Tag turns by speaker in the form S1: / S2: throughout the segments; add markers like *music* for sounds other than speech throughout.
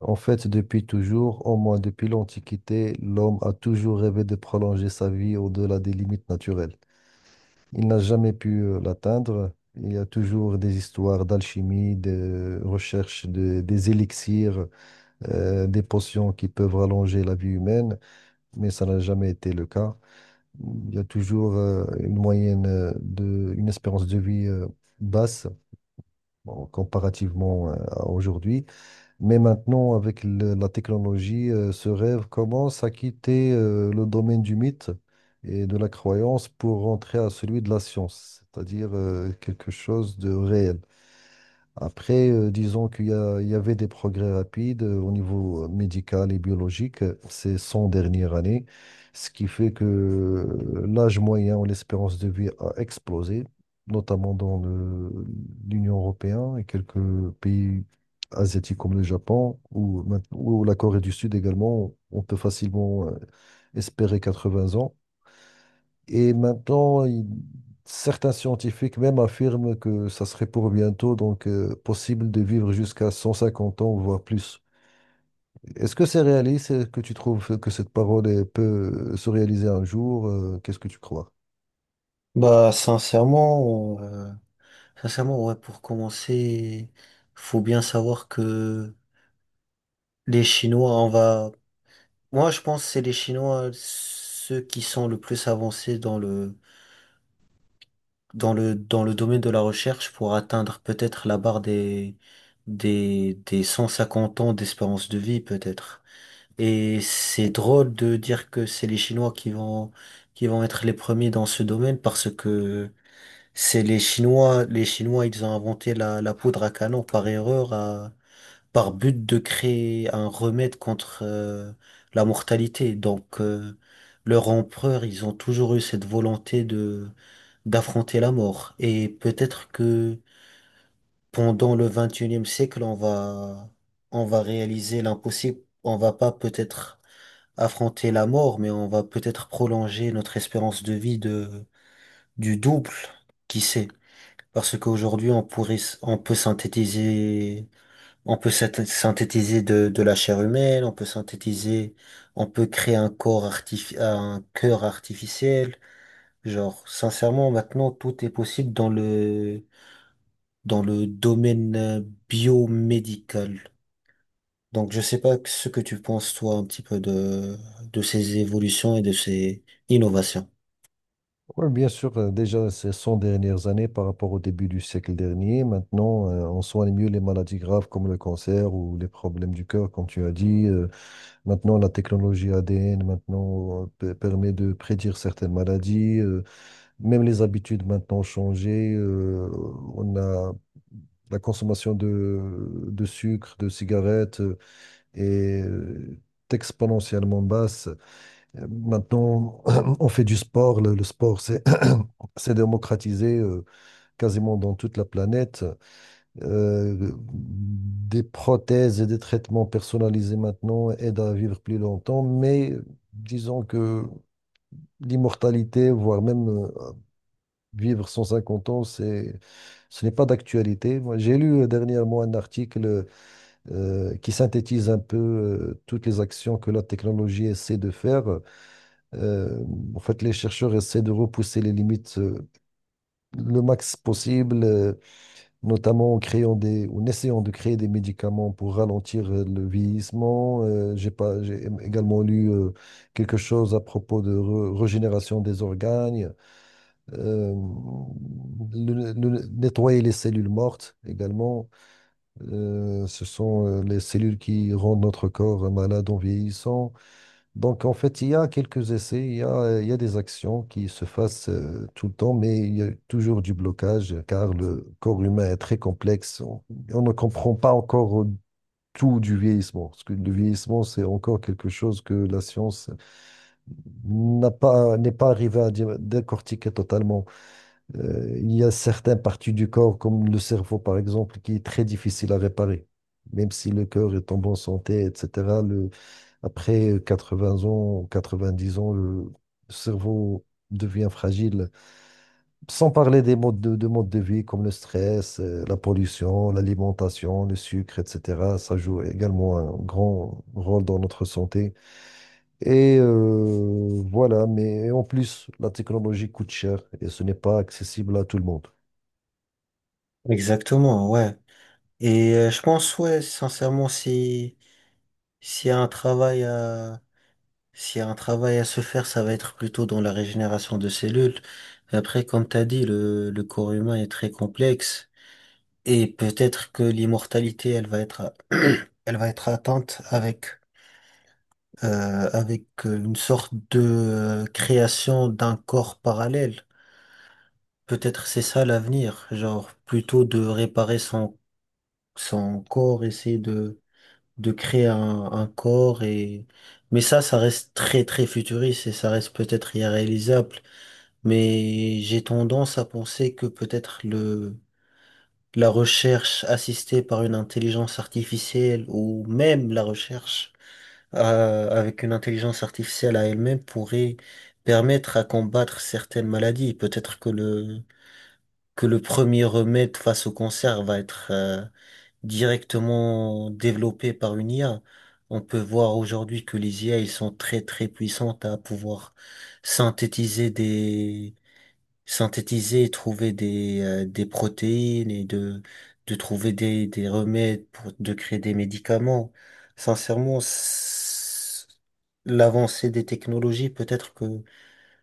S1: En fait, depuis toujours, au moins depuis l'Antiquité, l'homme a toujours rêvé de prolonger sa vie au-delà des limites naturelles. Il n'a jamais pu l'atteindre. Il y a toujours des histoires d'alchimie, des élixirs, des potions qui peuvent rallonger la vie humaine, mais ça n'a jamais été le cas. Il y a toujours une moyenne une espérance de vie basse, bon, comparativement à aujourd'hui. Mais maintenant, avec la technologie, ce rêve commence à quitter le domaine du mythe et de la croyance pour rentrer à celui de la science, c'est-à-dire quelque chose de réel. Après, disons il y avait des progrès rapides au niveau médical et biologique ces 100 dernières années, ce qui fait que l'âge moyen ou l'espérance de vie a explosé, notamment dans l'Union européenne et quelques pays asiatiques comme le Japon ou, ou la Corée du Sud également. On peut facilement espérer 80 ans. Et maintenant, certains scientifiques même affirment que ça serait pour bientôt, donc possible de vivre jusqu'à 150 ans, voire plus. Est-ce que c'est réaliste? Est-ce que tu trouves que cette parole elle peut se réaliser un jour? Qu'est-ce que tu crois?
S2: Bah, sincèrement, euh, ouais, pour commencer, faut bien savoir que les Chinois, on va, moi, je pense que c'est les Chinois, ceux qui sont le plus avancés dans le domaine de la recherche pour atteindre peut-être la barre des 150 ans d'espérance de vie, peut-être. Et c'est drôle de dire que c'est les Chinois qui vont être les premiers dans ce domaine parce que c'est les Chinois, ils ont inventé la poudre à canon par erreur, par but de créer un remède contre la mortalité. Leur empereur, ils ont toujours eu cette volonté de d'affronter la mort. Et peut-être que pendant le 21e siècle, on va réaliser l'impossible. On va pas peut-être affronter la mort, mais on va peut-être prolonger notre espérance de vie de du double. Qui sait? Parce qu'aujourd'hui, on peut synthétiser, on peut synthétiser de la chair humaine, on peut créer un un cœur artificiel. Genre, sincèrement, maintenant, tout est possible dans le domaine biomédical. Donc, je sais pas ce que tu penses, toi, un petit peu de ces évolutions et de ces innovations.
S1: Oui, bien sûr, déjà ces 100 dernières années par rapport au début du siècle dernier, maintenant on soigne mieux les maladies graves comme le cancer ou les problèmes du cœur, comme tu as dit. Maintenant la technologie ADN maintenant permet de prédire certaines maladies. Même les habitudes maintenant ont changé. On a la consommation de sucre, de cigarettes est exponentiellement basse. Maintenant, *clears throat* on fait du sport. Le sport, c'est *clears throat* c'est démocratisé quasiment dans toute la planète. Des prothèses et des traitements personnalisés maintenant aident à vivre plus longtemps, mais disons que l'immortalité, voire même vivre 150 ans, c'est, ce n'est pas d'actualité. Moi, j'ai lu dernièrement un article qui synthétise un peu toutes les actions que la technologie essaie de faire. Euh, En fait, les chercheurs essaient de repousser les limites le max possible, notamment en créant ou en essayant de créer des médicaments pour ralentir le vieillissement. J'ai pas, J'ai également lu quelque chose à propos régénération des organes euh, nettoyer les cellules mortes également. Ce sont les cellules qui rendent notre corps malade en vieillissant. Donc, en fait, il y a quelques essais, il y a des actions qui se fassent tout le temps, mais il y a toujours du blocage car le corps humain est très complexe. On ne comprend pas encore tout du vieillissement, parce que le vieillissement, c'est encore quelque chose que la science n'est pas arrivée à décortiquer totalement. Il y a certaines parties du corps, comme le cerveau par exemple, qui est très difficile à réparer. Même si le cœur est en bonne santé, etc., après 80 ans, 90 ans, le cerveau devient fragile. Sans parler des de modes de vie comme le stress, la pollution, l'alimentation, le sucre, etc. Ça joue également un grand rôle dans notre santé. Et voilà, mais en plus, la technologie coûte cher et ce n'est pas accessible à tout le monde.
S2: Exactement, ouais. Et je pense, ouais, sincèrement, si, s'il y a un travail s'il y a un travail à se faire, ça va être plutôt dans la régénération de cellules. Après, comme t'as dit, le corps humain est très complexe et peut-être que l'immortalité, elle va être, *clears throat* elle va être atteinte avec une sorte de création d'un corps parallèle. Peut-être c'est ça l'avenir, genre plutôt de réparer son corps, essayer de créer un corps et, mais ça reste très très futuriste et ça reste peut-être irréalisable. Mais j'ai tendance à penser que peut-être la recherche assistée par une intelligence artificielle ou même la recherche avec une intelligence artificielle à elle-même pourrait permettre à combattre certaines maladies. Peut-être que le premier remède face au cancer va être directement développé par une IA. On peut voir aujourd'hui que les IA, ils sont très très puissantes à pouvoir synthétiser des synthétiser et trouver des protéines et de trouver des remèdes pour de créer des médicaments. Sincèrement, s- L'avancée des technologies, peut-être que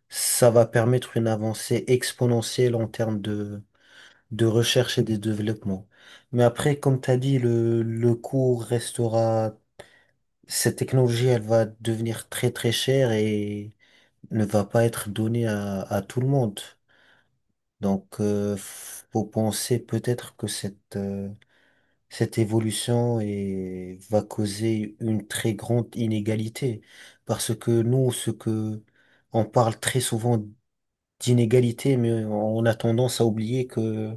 S2: ça va permettre une avancée exponentielle en termes de recherche et de développement. Mais après, comme tu as dit, le coût restera, cette technologie, elle va devenir très très chère et ne va pas être donnée à tout le monde. Donc, faut penser peut-être que cette va causer une très grande inégalité. Parce que nous, on parle très souvent d'inégalité, mais on a tendance à oublier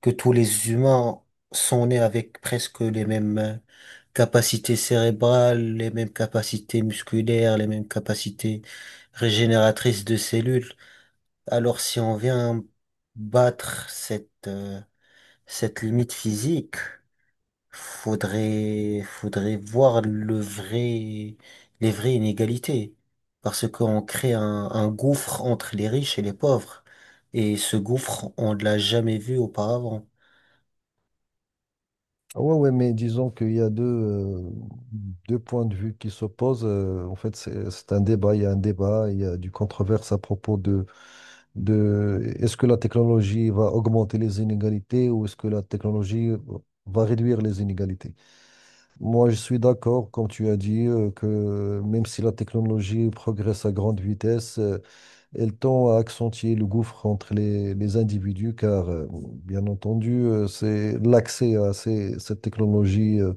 S2: que tous les humains sont nés avec presque les mêmes capacités cérébrales, les mêmes capacités musculaires, les mêmes capacités régénératrices de cellules. Alors, si on vient battre cette limite physique, faudrait voir les vraies inégalités. Parce qu'on crée un gouffre entre les riches et les pauvres. Et ce gouffre, on ne l'a jamais vu auparavant.
S1: Ah ouais, ouais, mais disons qu'il y a deux, deux points de vue qui s'opposent. En fait, c'est un débat, il y a un débat, il y a du controverse à propos de est-ce que la technologie va augmenter les inégalités ou est-ce que la technologie va réduire les inégalités? Moi, je suis d'accord, comme tu as dit, que même si la technologie progresse à grande vitesse, elle tend à accentuer le gouffre entre les individus car, bon, bien entendu, c'est l'accès à cette technologie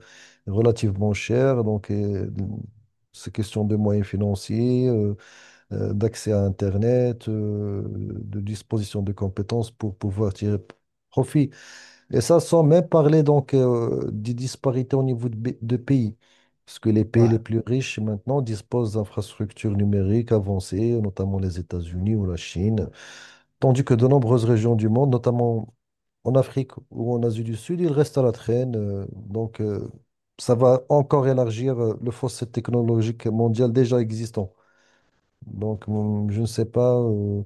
S1: relativement chère. Donc, c'est question de moyens financiers, d'accès à Internet, de disposition de compétences pour pouvoir tirer profit et ça, sans même parler donc des disparités au niveau de pays. Parce que les pays les
S2: Ouais.
S1: plus riches maintenant disposent d'infrastructures numériques avancées, notamment les États-Unis ou la Chine, tandis que de nombreuses régions du monde, notamment en Afrique ou en Asie du Sud, ils restent à la traîne. Donc, ça va encore élargir le fossé technologique mondial déjà existant. Donc, je ne sais pas. euh,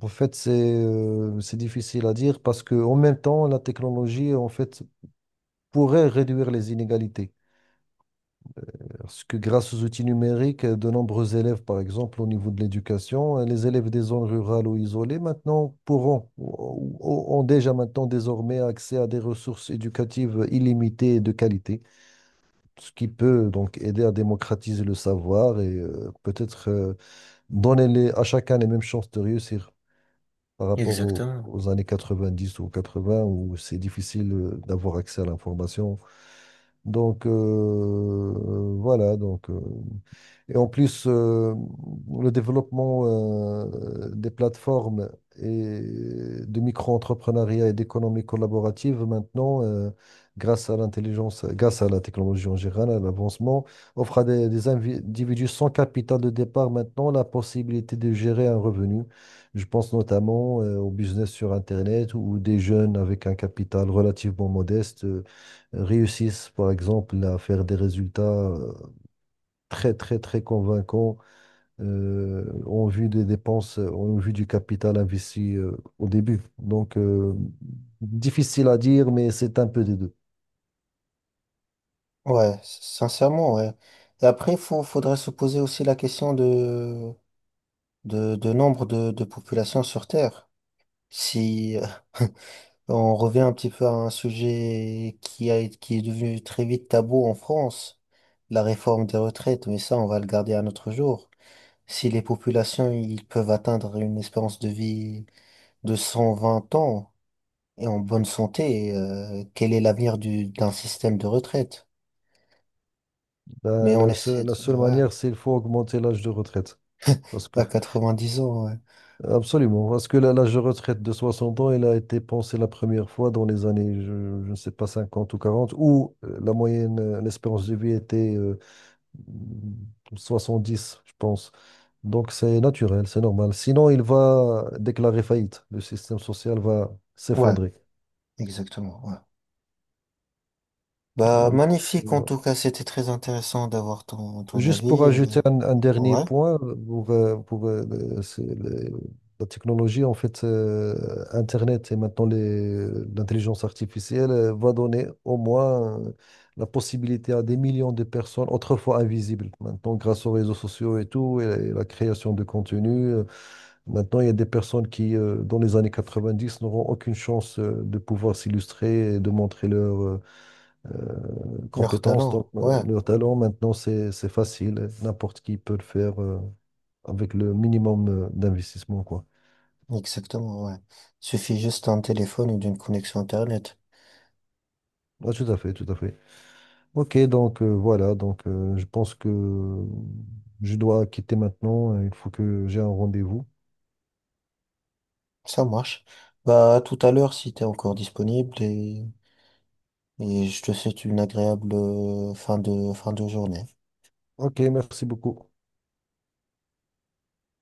S1: en fait, c'est euh, c'est difficile à dire parce que en même temps, la technologie, en fait, pourrait réduire les inégalités. Parce que grâce aux outils numériques, de nombreux élèves, par exemple, au niveau de l'éducation, les élèves des zones rurales ou isolées, maintenant ont déjà maintenant désormais accès à des ressources éducatives illimitées et de qualité, ce qui peut donc aider à démocratiser le savoir et peut-être donner à chacun les mêmes chances de réussir, par rapport
S2: Exactement.
S1: aux années 90 ou 80 où c'est difficile d'avoir accès à l'information. Donc euh, voilà, donc euh, et en plus, le développement des plateformes et de micro-entrepreneuriat et d'économie collaborative maintenant, grâce à grâce à la technologie en général, à l'avancement, offre à des individus sans capital de départ maintenant la possibilité de gérer un revenu. Je pense notamment au business sur Internet où des jeunes avec un capital relativement modeste réussissent, par exemple, à faire des résultats très, très, très convaincant en vue des dépenses, en vue du capital investi au début. Donc, difficile à dire, mais c'est un peu des deux.
S2: Ouais, sincèrement, ouais. Et après, faudrait se poser aussi la question de nombre de populations sur Terre. Si, on revient un petit peu à un sujet qui est devenu très vite tabou en France, la réforme des retraites, mais ça, on va le garder à notre jour. Si les populations, ils peuvent atteindre une espérance de vie de 120 ans et en bonne santé, quel est l'avenir d'un système de retraite?
S1: Ben,
S2: Mais on essaie
S1: la
S2: de,
S1: seule
S2: ouais,
S1: manière, c'est qu'il faut augmenter l'âge de retraite. Parce que,
S2: à 10 ans, ouais.
S1: absolument, parce que l'âge de retraite de 60 ans, il a été pensé la première fois dans les années, je ne sais pas, 50 ou 40 où l'espérance de vie était dix je pense. Donc c'est naturel, c'est normal. Sinon, il va déclarer faillite. Le système social va
S2: Ouais,
S1: s'effondrer.
S2: exactement, ouais. Bah,
S1: Euh,
S2: magnifique, en
S1: bon.
S2: tout cas, c'était très intéressant d'avoir ton
S1: Juste pour
S2: avis,
S1: ajouter un dernier
S2: ouais,
S1: point, pour, le- c'est le- la technologie, en fait, Internet et maintenant l'intelligence artificielle va donner au moins la possibilité à des millions de personnes autrefois invisibles, maintenant grâce aux réseaux sociaux et tout, et, la création de contenu. Maintenant, il y a des personnes qui, dans les années 90, n'auront aucune chance de pouvoir s'illustrer et de montrer leurs
S2: leur
S1: compétences, donc
S2: talent, ouais.
S1: leurs talents. Maintenant, c'est facile. N'importe qui peut le faire avec le minimum d'investissement, quoi.
S2: Exactement, ouais. Suffit juste d'un téléphone ou d'une connexion Internet.
S1: Ah, tout à fait, tout à fait. Ok, donc je pense que je dois quitter maintenant. Il faut que j'ai un rendez-vous.
S2: Ça marche. Bah, à tout à l'heure si t'es encore disponible et je te souhaite une agréable fin de journée.
S1: Ok, merci beaucoup.